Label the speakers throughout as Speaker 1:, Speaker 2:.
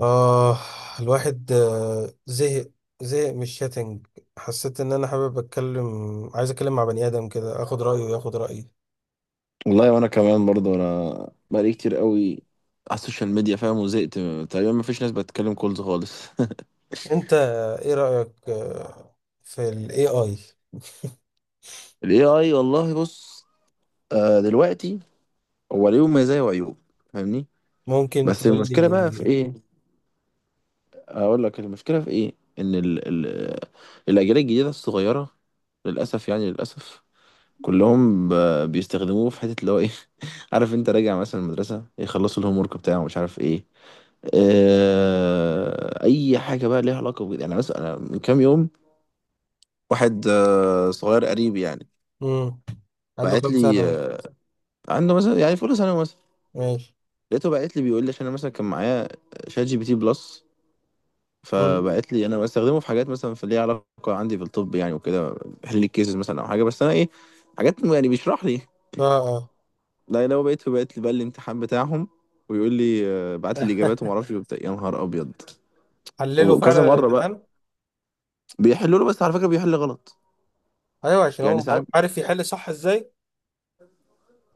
Speaker 1: آه الواحد زهق من الشاتنج. حسيت ان انا حابب اتكلم. عايز اتكلم مع بني ادم كده اخد رايه وياخد رايي.
Speaker 2: والله وانا كمان برضه انا بقالي كتير قوي على السوشيال ميديا فاهم، وزهقت. تقريبا مفيش ناس بتتكلم كولز خالص.
Speaker 1: انت، ايه رايك في الاي اي؟
Speaker 2: ال AI والله بص. دلوقتي هو ليه مزايا وعيوب، فاهمني.
Speaker 1: ممكن
Speaker 2: بس
Speaker 1: تقول
Speaker 2: المشكلة بقى في
Speaker 1: لي.
Speaker 2: ايه؟ اقول لك المشكلة في ايه، ان ال الاجيال الجديدة الصغيرة، للاسف يعني للاسف، كلهم بيستخدموه في حتة اللي هو ايه. عارف انت، راجع مثلا المدرسة يخلصوا الهوم ورك بتاعه مش عارف ايه. اي حاجه بقى ليها علاقه بجد، يعني مثلا أنا من كام يوم، واحد صغير قريب يعني،
Speaker 1: امم عنده
Speaker 2: بعت
Speaker 1: كام
Speaker 2: لي
Speaker 1: سنه؟
Speaker 2: عنده مثلا يعني في اولى ثانوي مثلا.
Speaker 1: ماشي.
Speaker 2: لقيته بعت لي بيقول لي عشان انا مثلا كان معايا شات جي بي تي بلس،
Speaker 1: امم.
Speaker 2: فبعت لي انا بستخدمه في حاجات مثلا في ليها علاقه عندي في الطب يعني وكده، بحل لي الكيسز مثلا او حاجه، بس انا ايه حاجات يعني بيشرح لي.
Speaker 1: اه، اه.
Speaker 2: لا لو بقيت لي بقى الامتحان بتاعهم ويقول لي، بعت لي الاجابات وما اعرفش إيه وبتاع. يا نهار ابيض.
Speaker 1: حلله فعلا
Speaker 2: وكذا مره بقى
Speaker 1: الامتحان.
Speaker 2: بيحلوا له، بس على فكره بيحل غلط.
Speaker 1: ايوه، عشان
Speaker 2: يعني
Speaker 1: هو
Speaker 2: ساعات
Speaker 1: عارف يحل صح ازاي.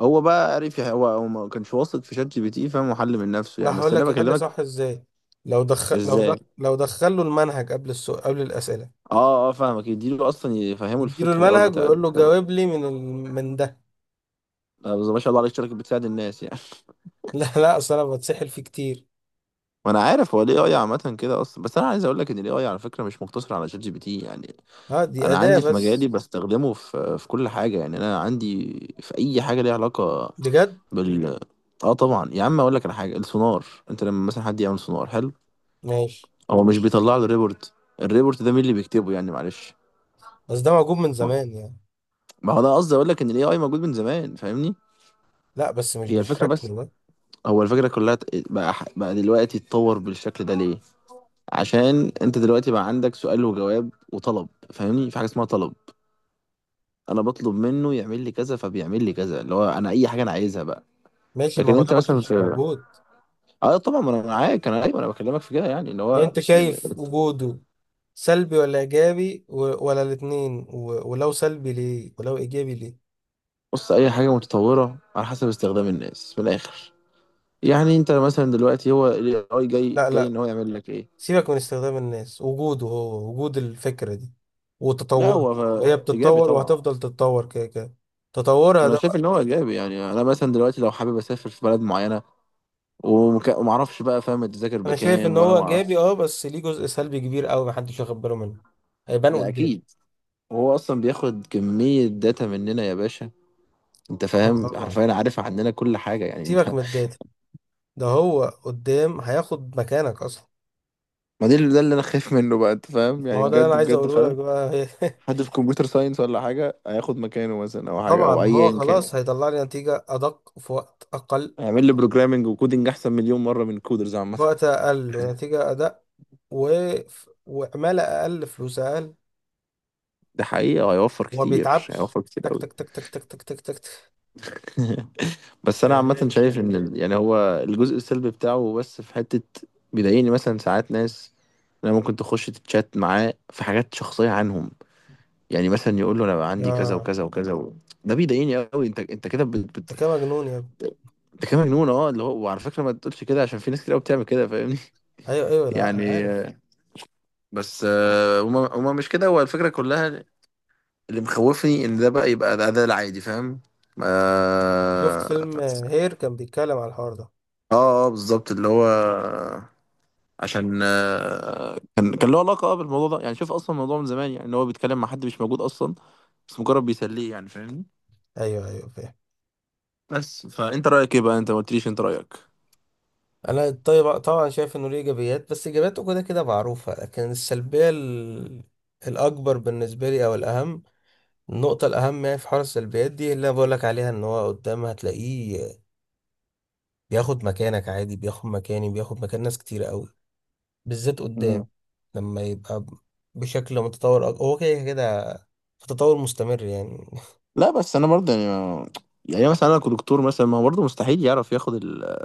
Speaker 2: هو بقى عرف هو ما كانش واثق في شات جي بي تي، فاهم، وحل من نفسه يعني.
Speaker 1: انا
Speaker 2: بس
Speaker 1: هقول
Speaker 2: انا
Speaker 1: لك يحل
Speaker 2: بكلمك
Speaker 1: صح ازاي. لو دخل لو
Speaker 2: ازاي.
Speaker 1: دخل لو دخل له المنهج قبل السؤال قبل الاسئله.
Speaker 2: اه اه، فاهمك، يديله اصلا يفهمه
Speaker 1: يديله
Speaker 2: الفكر الاول
Speaker 1: المنهج
Speaker 2: بتاع
Speaker 1: ويقول له
Speaker 2: الكتابه.
Speaker 1: جاوب لي من ده.
Speaker 2: بس ما شاء الله عليك، شركه بتساعد الناس يعني.
Speaker 1: لا، لا، اصل انا بتسحل فيه كتير.
Speaker 2: وانا عارف هو الاي اي عامه كده اصلا، بس انا عايز اقول لك ان الاي اي على فكره مش مقتصر على شات جي بي تي يعني.
Speaker 1: اه، دي
Speaker 2: انا
Speaker 1: اداة
Speaker 2: عندي في مجالي
Speaker 1: بس.
Speaker 2: بستخدمه في كل حاجه، يعني انا عندي في اي حاجه ليها علاقه
Speaker 1: بجد؟
Speaker 2: بال. اه طبعا يا عم، اقول لك على حاجه السونار. انت لما مثلا حد يعمل سونار حلو،
Speaker 1: ماشي،
Speaker 2: هو مش بيطلع له ريبورت؟ الريبورت ده مين اللي بيكتبه يعني، معلش.
Speaker 1: بس ده موجود من زمان يعني.
Speaker 2: ما هو ده قصدي، اقول لك ان الاي اي موجود من زمان فاهمني.
Speaker 1: لا، بس مش
Speaker 2: هي الفكره بس.
Speaker 1: بالشكل ده.
Speaker 2: هو الفكره كلها بقى دلوقتي اتطور بالشكل ده ليه؟ عشان انت دلوقتي بقى عندك سؤال وجواب وطلب. فاهمني، في حاجه اسمها طلب، انا بطلب منه يعمل لي كذا فبيعمل لي كذا، اللي هو انا اي حاجه انا عايزها بقى.
Speaker 1: ماشي، ما
Speaker 2: لكن
Speaker 1: هو ده
Speaker 2: انت
Speaker 1: ما
Speaker 2: مثلا
Speaker 1: كانش
Speaker 2: في،
Speaker 1: موجود.
Speaker 2: اه طبعا ما انا معاك، انا ايوه انا بكلمك في كده، يعني ان
Speaker 1: يعني
Speaker 2: هو
Speaker 1: انت شايف وجوده سلبي ولا ايجابي ولا الاتنين ولو سلبي ليه ولو ايجابي ليه؟
Speaker 2: بص، اي حاجه متطوره على حسب استخدام الناس من الاخر. يعني انت مثلا دلوقتي هو الاي اي جاي
Speaker 1: لا،
Speaker 2: جاي
Speaker 1: لا.
Speaker 2: ان هو يعمل لك ايه.
Speaker 1: سيبك من استخدام الناس، وجوده هو وجود الفكرة دي
Speaker 2: لا
Speaker 1: وتطوره.
Speaker 2: هو
Speaker 1: وهي
Speaker 2: ايجابي
Speaker 1: بتتطور
Speaker 2: طبعا.
Speaker 1: وهتفضل تتطور كده كده. تطورها
Speaker 2: انا
Speaker 1: ده.
Speaker 2: شايف ان هو ايجابي، يعني انا مثلا دلوقتي لو حابب اسافر في بلد معينه، وما اعرفش بقى فاهم التذاكر
Speaker 1: انا شايف ان
Speaker 2: بكام ولا
Speaker 1: هو
Speaker 2: ما
Speaker 1: ايجابي،
Speaker 2: اعرفش.
Speaker 1: اه، بس ليه جزء سلبي كبير قوي محدش واخد باله منه. هيبان
Speaker 2: ده
Speaker 1: قدام.
Speaker 2: اكيد. هو اصلا بياخد كميه داتا مننا يا باشا. انت
Speaker 1: آه،
Speaker 2: فاهم،
Speaker 1: طبعا.
Speaker 2: حرفيا عارف عننا كل حاجه، يعني
Speaker 1: سيبك
Speaker 2: انت.
Speaker 1: من الداتا. ده هو قدام هياخد مكانك اصلا.
Speaker 2: ما ده اللي، انا خايف منه بقى، انت فاهم،
Speaker 1: ما
Speaker 2: يعني
Speaker 1: هو ده اللي انا
Speaker 2: بجد
Speaker 1: عايز
Speaker 2: بجد
Speaker 1: اقوله لك
Speaker 2: فعلا.
Speaker 1: بقى.
Speaker 2: حد في كمبيوتر ساينس ولا حاجه هياخد مكانه مثلا، او حاجه
Speaker 1: طبعا،
Speaker 2: او
Speaker 1: ما هو
Speaker 2: ايا كان.
Speaker 1: خلاص هيطلع لي نتيجة ادق في وقت اقل.
Speaker 2: هيعمل لي بروجرامنج وكودنج احسن مليون مره من كودرز عامه.
Speaker 1: في وقت اقل ونتيجة ادق و... وعمالة اقل فلوس اقل.
Speaker 2: ده حقيقه، وهيوفر
Speaker 1: وما
Speaker 2: كتير،
Speaker 1: بيتعبش
Speaker 2: هيوفر كتير
Speaker 1: تك
Speaker 2: قوي.
Speaker 1: تك تك تك تك تك تك تك تك.
Speaker 2: بس انا
Speaker 1: شغال.
Speaker 2: عامه شايف ان يعني هو الجزء السلبي بتاعه، بس في حته بيضايقني مثلا ساعات. ناس انا ممكن تخش تتشات معاه في حاجات شخصيه عنهم، يعني مثلا يقول له انا بقى عندي كذا
Speaker 1: اه.
Speaker 2: وكذا وكذا و... ده بيضايقني قوي. انت كده
Speaker 1: انت كده مجنون يا ابني.
Speaker 2: انت كده مجنون، اه، اللي هو. وعلى فكره ما تقولش كده، عشان في ناس كتير قوي بتعمل كده فاهمني.
Speaker 1: ايوه، ايوه، لا، انا
Speaker 2: يعني
Speaker 1: عارف.
Speaker 2: بس، هما مش كده هو الفكره كلها. اللي مخوفني ان ده بقى يبقى ده العادي، فاهم.
Speaker 1: شفت
Speaker 2: اه
Speaker 1: فيلم هير، كان بيتكلم على الحوار ده.
Speaker 2: اه، بالظبط اللي هو، عشان كان له علاقه بالموضوع ده يعني. شوف اصلا الموضوع من زمان، يعني ان هو بيتكلم مع حد مش موجود اصلا، بس مجرد بيسليه يعني فاهمني.
Speaker 1: ايوه، ايوه، فاهم.
Speaker 2: بس فانت رايك ايه بقى؟ انت ما قلتليش انت رايك.
Speaker 1: انا طيب، طبعا شايف انه ليه ايجابيات بس ايجابياته كده كده معروفه، لكن السلبيه الاكبر بالنسبه لي، او الاهم، النقطه الاهم يعني، في حوار السلبيات دي اللي انا بقول لك عليها، ان هو قدام هتلاقيه بياخد مكانك عادي، بياخد مكاني، بياخد مكان ناس كتير قوي، بالذات
Speaker 2: مم.
Speaker 1: قدام. لما يبقى بشكل متطور هو كده كده في تطور مستمر يعني.
Speaker 2: لا بس انا برضه يعني يعني مثلا انا كدكتور مثلا، ما هو برضه مستحيل يعرف ياخد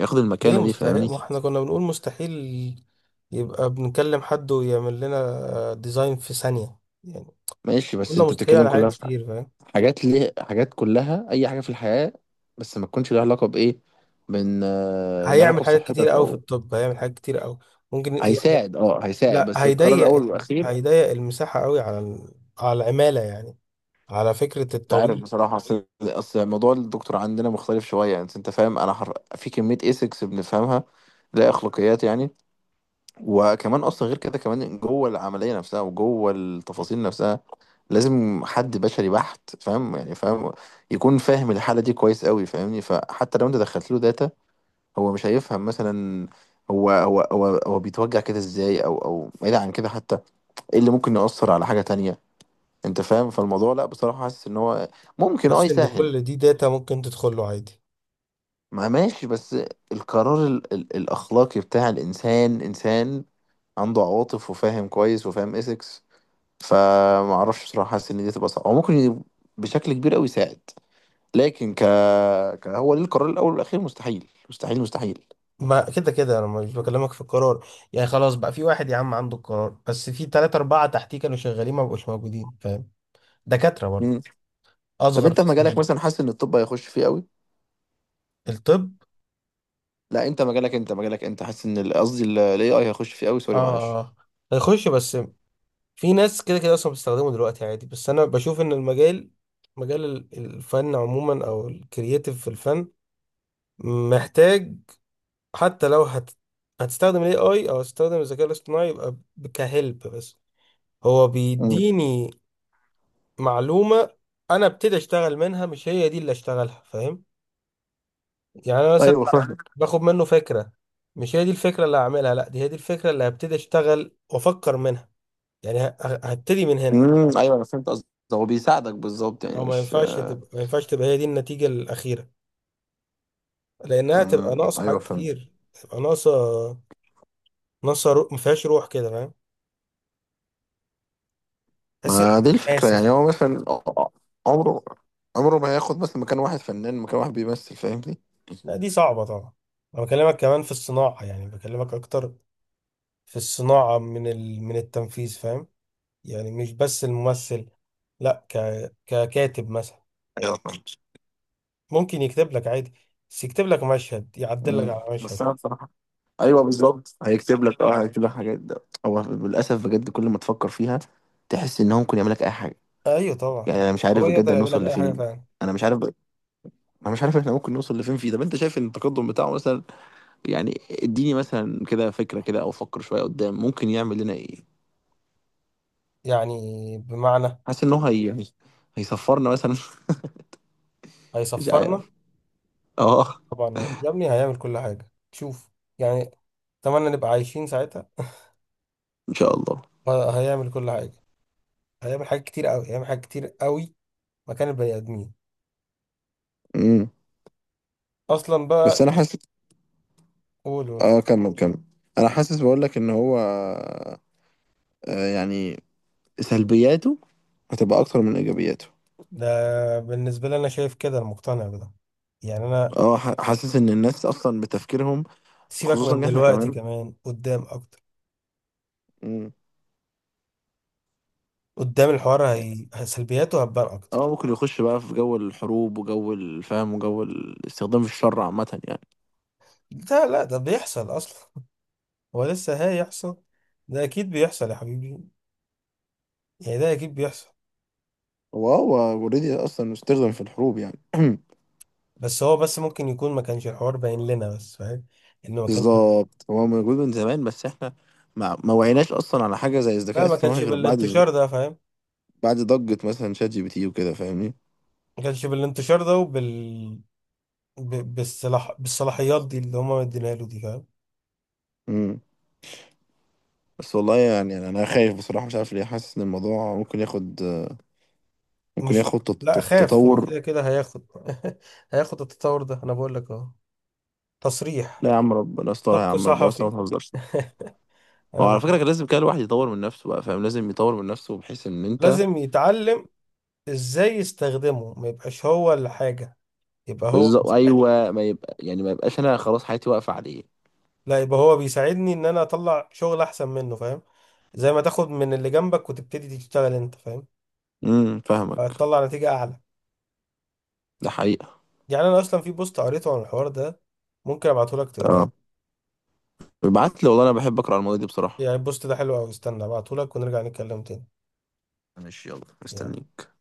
Speaker 2: ياخد
Speaker 1: ليه
Speaker 2: المكانه دي
Speaker 1: مستحيل؟
Speaker 2: فاهمني.
Speaker 1: ما احنا كنا بنقول مستحيل يبقى بنكلم حد ويعمل لنا ديزاين في ثانيه يعني.
Speaker 2: ماشي بس
Speaker 1: قلنا
Speaker 2: انت
Speaker 1: مستحيل
Speaker 2: بتتكلم
Speaker 1: على حاجات
Speaker 2: كلها في
Speaker 1: كتير، فاهم؟
Speaker 2: حاجات، ليه حاجات كلها اي حاجه في الحياه، بس ما تكونش لها علاقه بايه، من، لها علاقه
Speaker 1: هيعمل حاجات
Speaker 2: بصحتك
Speaker 1: كتير قوي في
Speaker 2: او،
Speaker 1: الطب، هيعمل حاجات كتير قوي ممكن يعني.
Speaker 2: هيساعد
Speaker 1: لا،
Speaker 2: بس القرار
Speaker 1: هيضيق
Speaker 2: الاول والاخير.
Speaker 1: هيضيق المساحة قوي على على العمالة يعني. على فكرة
Speaker 2: مش عارف
Speaker 1: الطبيب.
Speaker 2: بصراحة، أصل موضوع الدكتور عندنا مختلف شوية يعني. أنت فاهم؟ أنا في كمية إيثكس بنفهمها، لا أخلاقيات يعني. وكمان أصلا غير كده، كمان جوه العملية نفسها وجوه التفاصيل نفسها، لازم حد بشري بحت، فاهم يعني، فاهم يكون فاهم الحالة دي كويس قوي فاهمني. فحتى لو أنت دخلت له داتا، هو مش هيفهم مثلا هو بيتوجع كده إزاي، أو بعيد عن كده حتى، إيه اللي ممكن يأثر على حاجة تانية. أنت فاهم؟ فالموضوع لا، بصراحة حاسس إن هو ممكن
Speaker 1: حاسس ان
Speaker 2: يسهل.
Speaker 1: كل دي داتا ممكن تدخل له عادي.
Speaker 2: ما ماشي، بس القرار ال الأخلاقي بتاع الإنسان، إنسان عنده عواطف وفاهم كويس وفاهم إيثكس. فمعرفش بصراحة، حاسس إن دي تبقى صعبة. هو ممكن بشكل كبير أوي يساعد، لكن ك... ك هو ليه القرار الأول والأخير، مستحيل مستحيل مستحيل.
Speaker 1: ما كده كده انا مش بكلمك في القرار. يعني خلاص بقى، في واحد يا عم عنده القرار، بس في ثلاثة أربعة تحتيه كانوا شغالين ما بقوش موجودين، فاهم؟ دكاترة برضه،
Speaker 2: مم. طب
Speaker 1: أصغر
Speaker 2: أنت
Speaker 1: في
Speaker 2: في مجالك
Speaker 1: السن.
Speaker 2: مثلا، حاسس إن الطب هيخش فيه أوي؟
Speaker 1: الطب.
Speaker 2: لا أنت مجالك، أنت حاسس إن قصدي ال AI هيخش فيه أوي؟
Speaker 1: اه،
Speaker 2: سوري
Speaker 1: آه،
Speaker 2: معلش.
Speaker 1: آه. هيخش بس في ناس كده كده اصلا بتستخدمه دلوقتي عادي، بس انا بشوف ان المجال مجال الفن عموما او الكرييتيف في الفن. محتاج. حتى لو هتستخدم الاي اي او هتستخدم الذكاء الاصطناعي يبقى كهلب بس. هو
Speaker 2: مم.
Speaker 1: بيديني معلومة. انا ابتدي اشتغل منها، مش هي دي اللي اشتغلها، فاهم؟ يعني انا مثلا
Speaker 2: أيوه فاهم.
Speaker 1: باخد منه فكرة. مش هي دي الفكرة اللي هعملها، لا، دي هي دي الفكرة اللي هبتدي اشتغل وافكر منها. يعني هبتدي من هنا.
Speaker 2: مم. أيوه أنا فهمت قصدك، هو بيساعدك بالظبط يعني
Speaker 1: هو ما
Speaker 2: مش.
Speaker 1: ينفعش تبقى ما ينفعش تبقى هي دي النتيجة الأخيرة. لأنها تبقى
Speaker 2: مم.
Speaker 1: ناقصة
Speaker 2: أيوه
Speaker 1: حاجات
Speaker 2: فهمت.
Speaker 1: كتير، تبقى ناقصة. ناقصة روح، ما فيهاش روح كده، فاهم؟ تحس إن
Speaker 2: ما دي الفكرة،
Speaker 1: قاسي
Speaker 2: يعني
Speaker 1: يعني.
Speaker 2: هو مثلا عمره عمره ما هياخد مثلا مكان واحد فنان، مكان واحد بيمثل، فاهمني؟
Speaker 1: لا، دي صعبة طبعا. أنا بكلمك كمان في الصناعة، يعني بكلمك أكتر في الصناعة، من التنفيذ، فاهم؟ يعني مش بس الممثل، لا، ككاتب مثلا.
Speaker 2: ايوه فاهم.
Speaker 1: ممكن يكتب لك عادي. بس يكتب لك مشهد، يعدل لك
Speaker 2: مم.
Speaker 1: على
Speaker 2: بس
Speaker 1: مشهد.
Speaker 2: انا بصراحة، ايوه بالظبط هيكتب لك حاجات. ده هو للاسف بجد، كل ما تفكر فيها تحس ان هو ممكن يعمل لك اي حاجه.
Speaker 1: أيوه،
Speaker 2: يعني
Speaker 1: طبعا.
Speaker 2: انا مش
Speaker 1: هو
Speaker 2: عارف بجد
Speaker 1: يقدر يعمل لك
Speaker 2: هنوصل
Speaker 1: أي حاجة
Speaker 2: لفين.
Speaker 1: فعلا.
Speaker 2: انا مش عارف. انا مش عارف احنا ممكن نوصل لفين فيه. طب انت شايف ان التقدم بتاعه مثلا، يعني اديني مثلا كده فكره كده، او فكر شويه قدام ممكن يعمل لنا ايه.
Speaker 1: يعني، بمعنى.
Speaker 2: حاسس ان هي هيصفرنا مثلا. مش عارف.
Speaker 1: هيصفرنا؟
Speaker 2: اه.
Speaker 1: طبعا يا ابني، هيعمل كل حاجة، شوف يعني. اتمنى نبقى عايشين ساعتها.
Speaker 2: ان شاء الله.
Speaker 1: هيعمل كل حاجة. هيعمل حاجات كتير قوي، هيعمل حاجات كتير قوي. مكان البني آدمين
Speaker 2: امم
Speaker 1: أصلا
Speaker 2: بس
Speaker 1: بقى.
Speaker 2: انا حاسس.
Speaker 1: قولوا.
Speaker 2: اه كمل كمل. انا حاسس بقول لك ان هو، يعني سلبياته هتبقى اكتر من ايجابياته.
Speaker 1: ده بالنسبة لي، أنا شايف كده، أنا مقتنع بده. يعني أنا،
Speaker 2: حاسس ان الناس اصلا بتفكيرهم،
Speaker 1: سيبك
Speaker 2: خصوصا
Speaker 1: من
Speaker 2: إن احنا
Speaker 1: دلوقتي،
Speaker 2: كمان،
Speaker 1: كمان قدام أكتر.
Speaker 2: امم
Speaker 1: قدام الحوار سلبياته هتبان
Speaker 2: اه
Speaker 1: أكتر.
Speaker 2: ممكن يخش بقى في جو الحروب وجو الفهم وجو الاستخدام في الشر عامة يعني.
Speaker 1: ده، لا، ده بيحصل أصلا. هو لسه هيحصل. ده أكيد بيحصل يا حبيبي. يعني ده أكيد بيحصل.
Speaker 2: هو اوريدي اصلا استخدم في الحروب يعني.
Speaker 1: بس هو بس ممكن يكون ما كانش الحوار باين لنا بس، فاهم؟ انه ما كانش.
Speaker 2: بالظبط هو موجود من زمان، بس احنا ما وعيناش اصلا على حاجة زي
Speaker 1: لا،
Speaker 2: الذكاء
Speaker 1: ما كانش
Speaker 2: الاصطناعي غير بعد،
Speaker 1: بالانتشار ده، فاهم؟
Speaker 2: بعد ضجة مثلا شات جي بي تي وكده فاهمني.
Speaker 1: ما كانش بالانتشار ده وبال بالصلاح بالصلاحيات دي اللي هما مدينها له دي، فاهم؟
Speaker 2: امم بس والله يعني انا أنا خايف بصراحة مش عارف ليه، حاسس ان الموضوع ممكن ياخد، ممكن
Speaker 1: مش.
Speaker 2: ياخد
Speaker 1: لا، خاف، هو
Speaker 2: تطور.
Speaker 1: كده كده هياخد. هياخد التطور ده، انا بقول لك اهو. تصريح.
Speaker 2: لا يا عم ربنا يسترها، يا
Speaker 1: سبق
Speaker 2: عم ربنا يسترها،
Speaker 1: صحفي.
Speaker 2: ما تهزرش. هو
Speaker 1: انا
Speaker 2: على
Speaker 1: ب...
Speaker 2: فكرة كان لازم كده الواحد يطور من نفسه بقى، فاهم، لازم يطور من نفسه بحيث ان انت.
Speaker 1: لازم يتعلم ازاي يستخدمه، ما يبقاش هو الحاجة. يبقى هو
Speaker 2: بالظبط
Speaker 1: مساعد.
Speaker 2: ايوه، ما يبقى يعني ما يبقاش انا خلاص حياتي واقفة عليه.
Speaker 1: لا، يبقى هو بيساعدني ان انا اطلع شغل احسن منه، فاهم؟ زي ما تاخد من اللي جنبك وتبتدي تشتغل انت، فاهم؟
Speaker 2: امم، فاهمك.
Speaker 1: هتطلع نتيجة اعلى.
Speaker 2: ده حقيقة.
Speaker 1: يعني انا اصلا في بوست قريته عن الحوار ده. ممكن ابعته لك تقراه.
Speaker 2: اه، ابعت لي والله، انا بحب اقرا على المواضيع دي بصراحة.
Speaker 1: يعني البوست ده حلو قوي، استنى ابعته لك ونرجع نتكلم تاني.
Speaker 2: ماشي يلا
Speaker 1: يلا.
Speaker 2: مستنيك.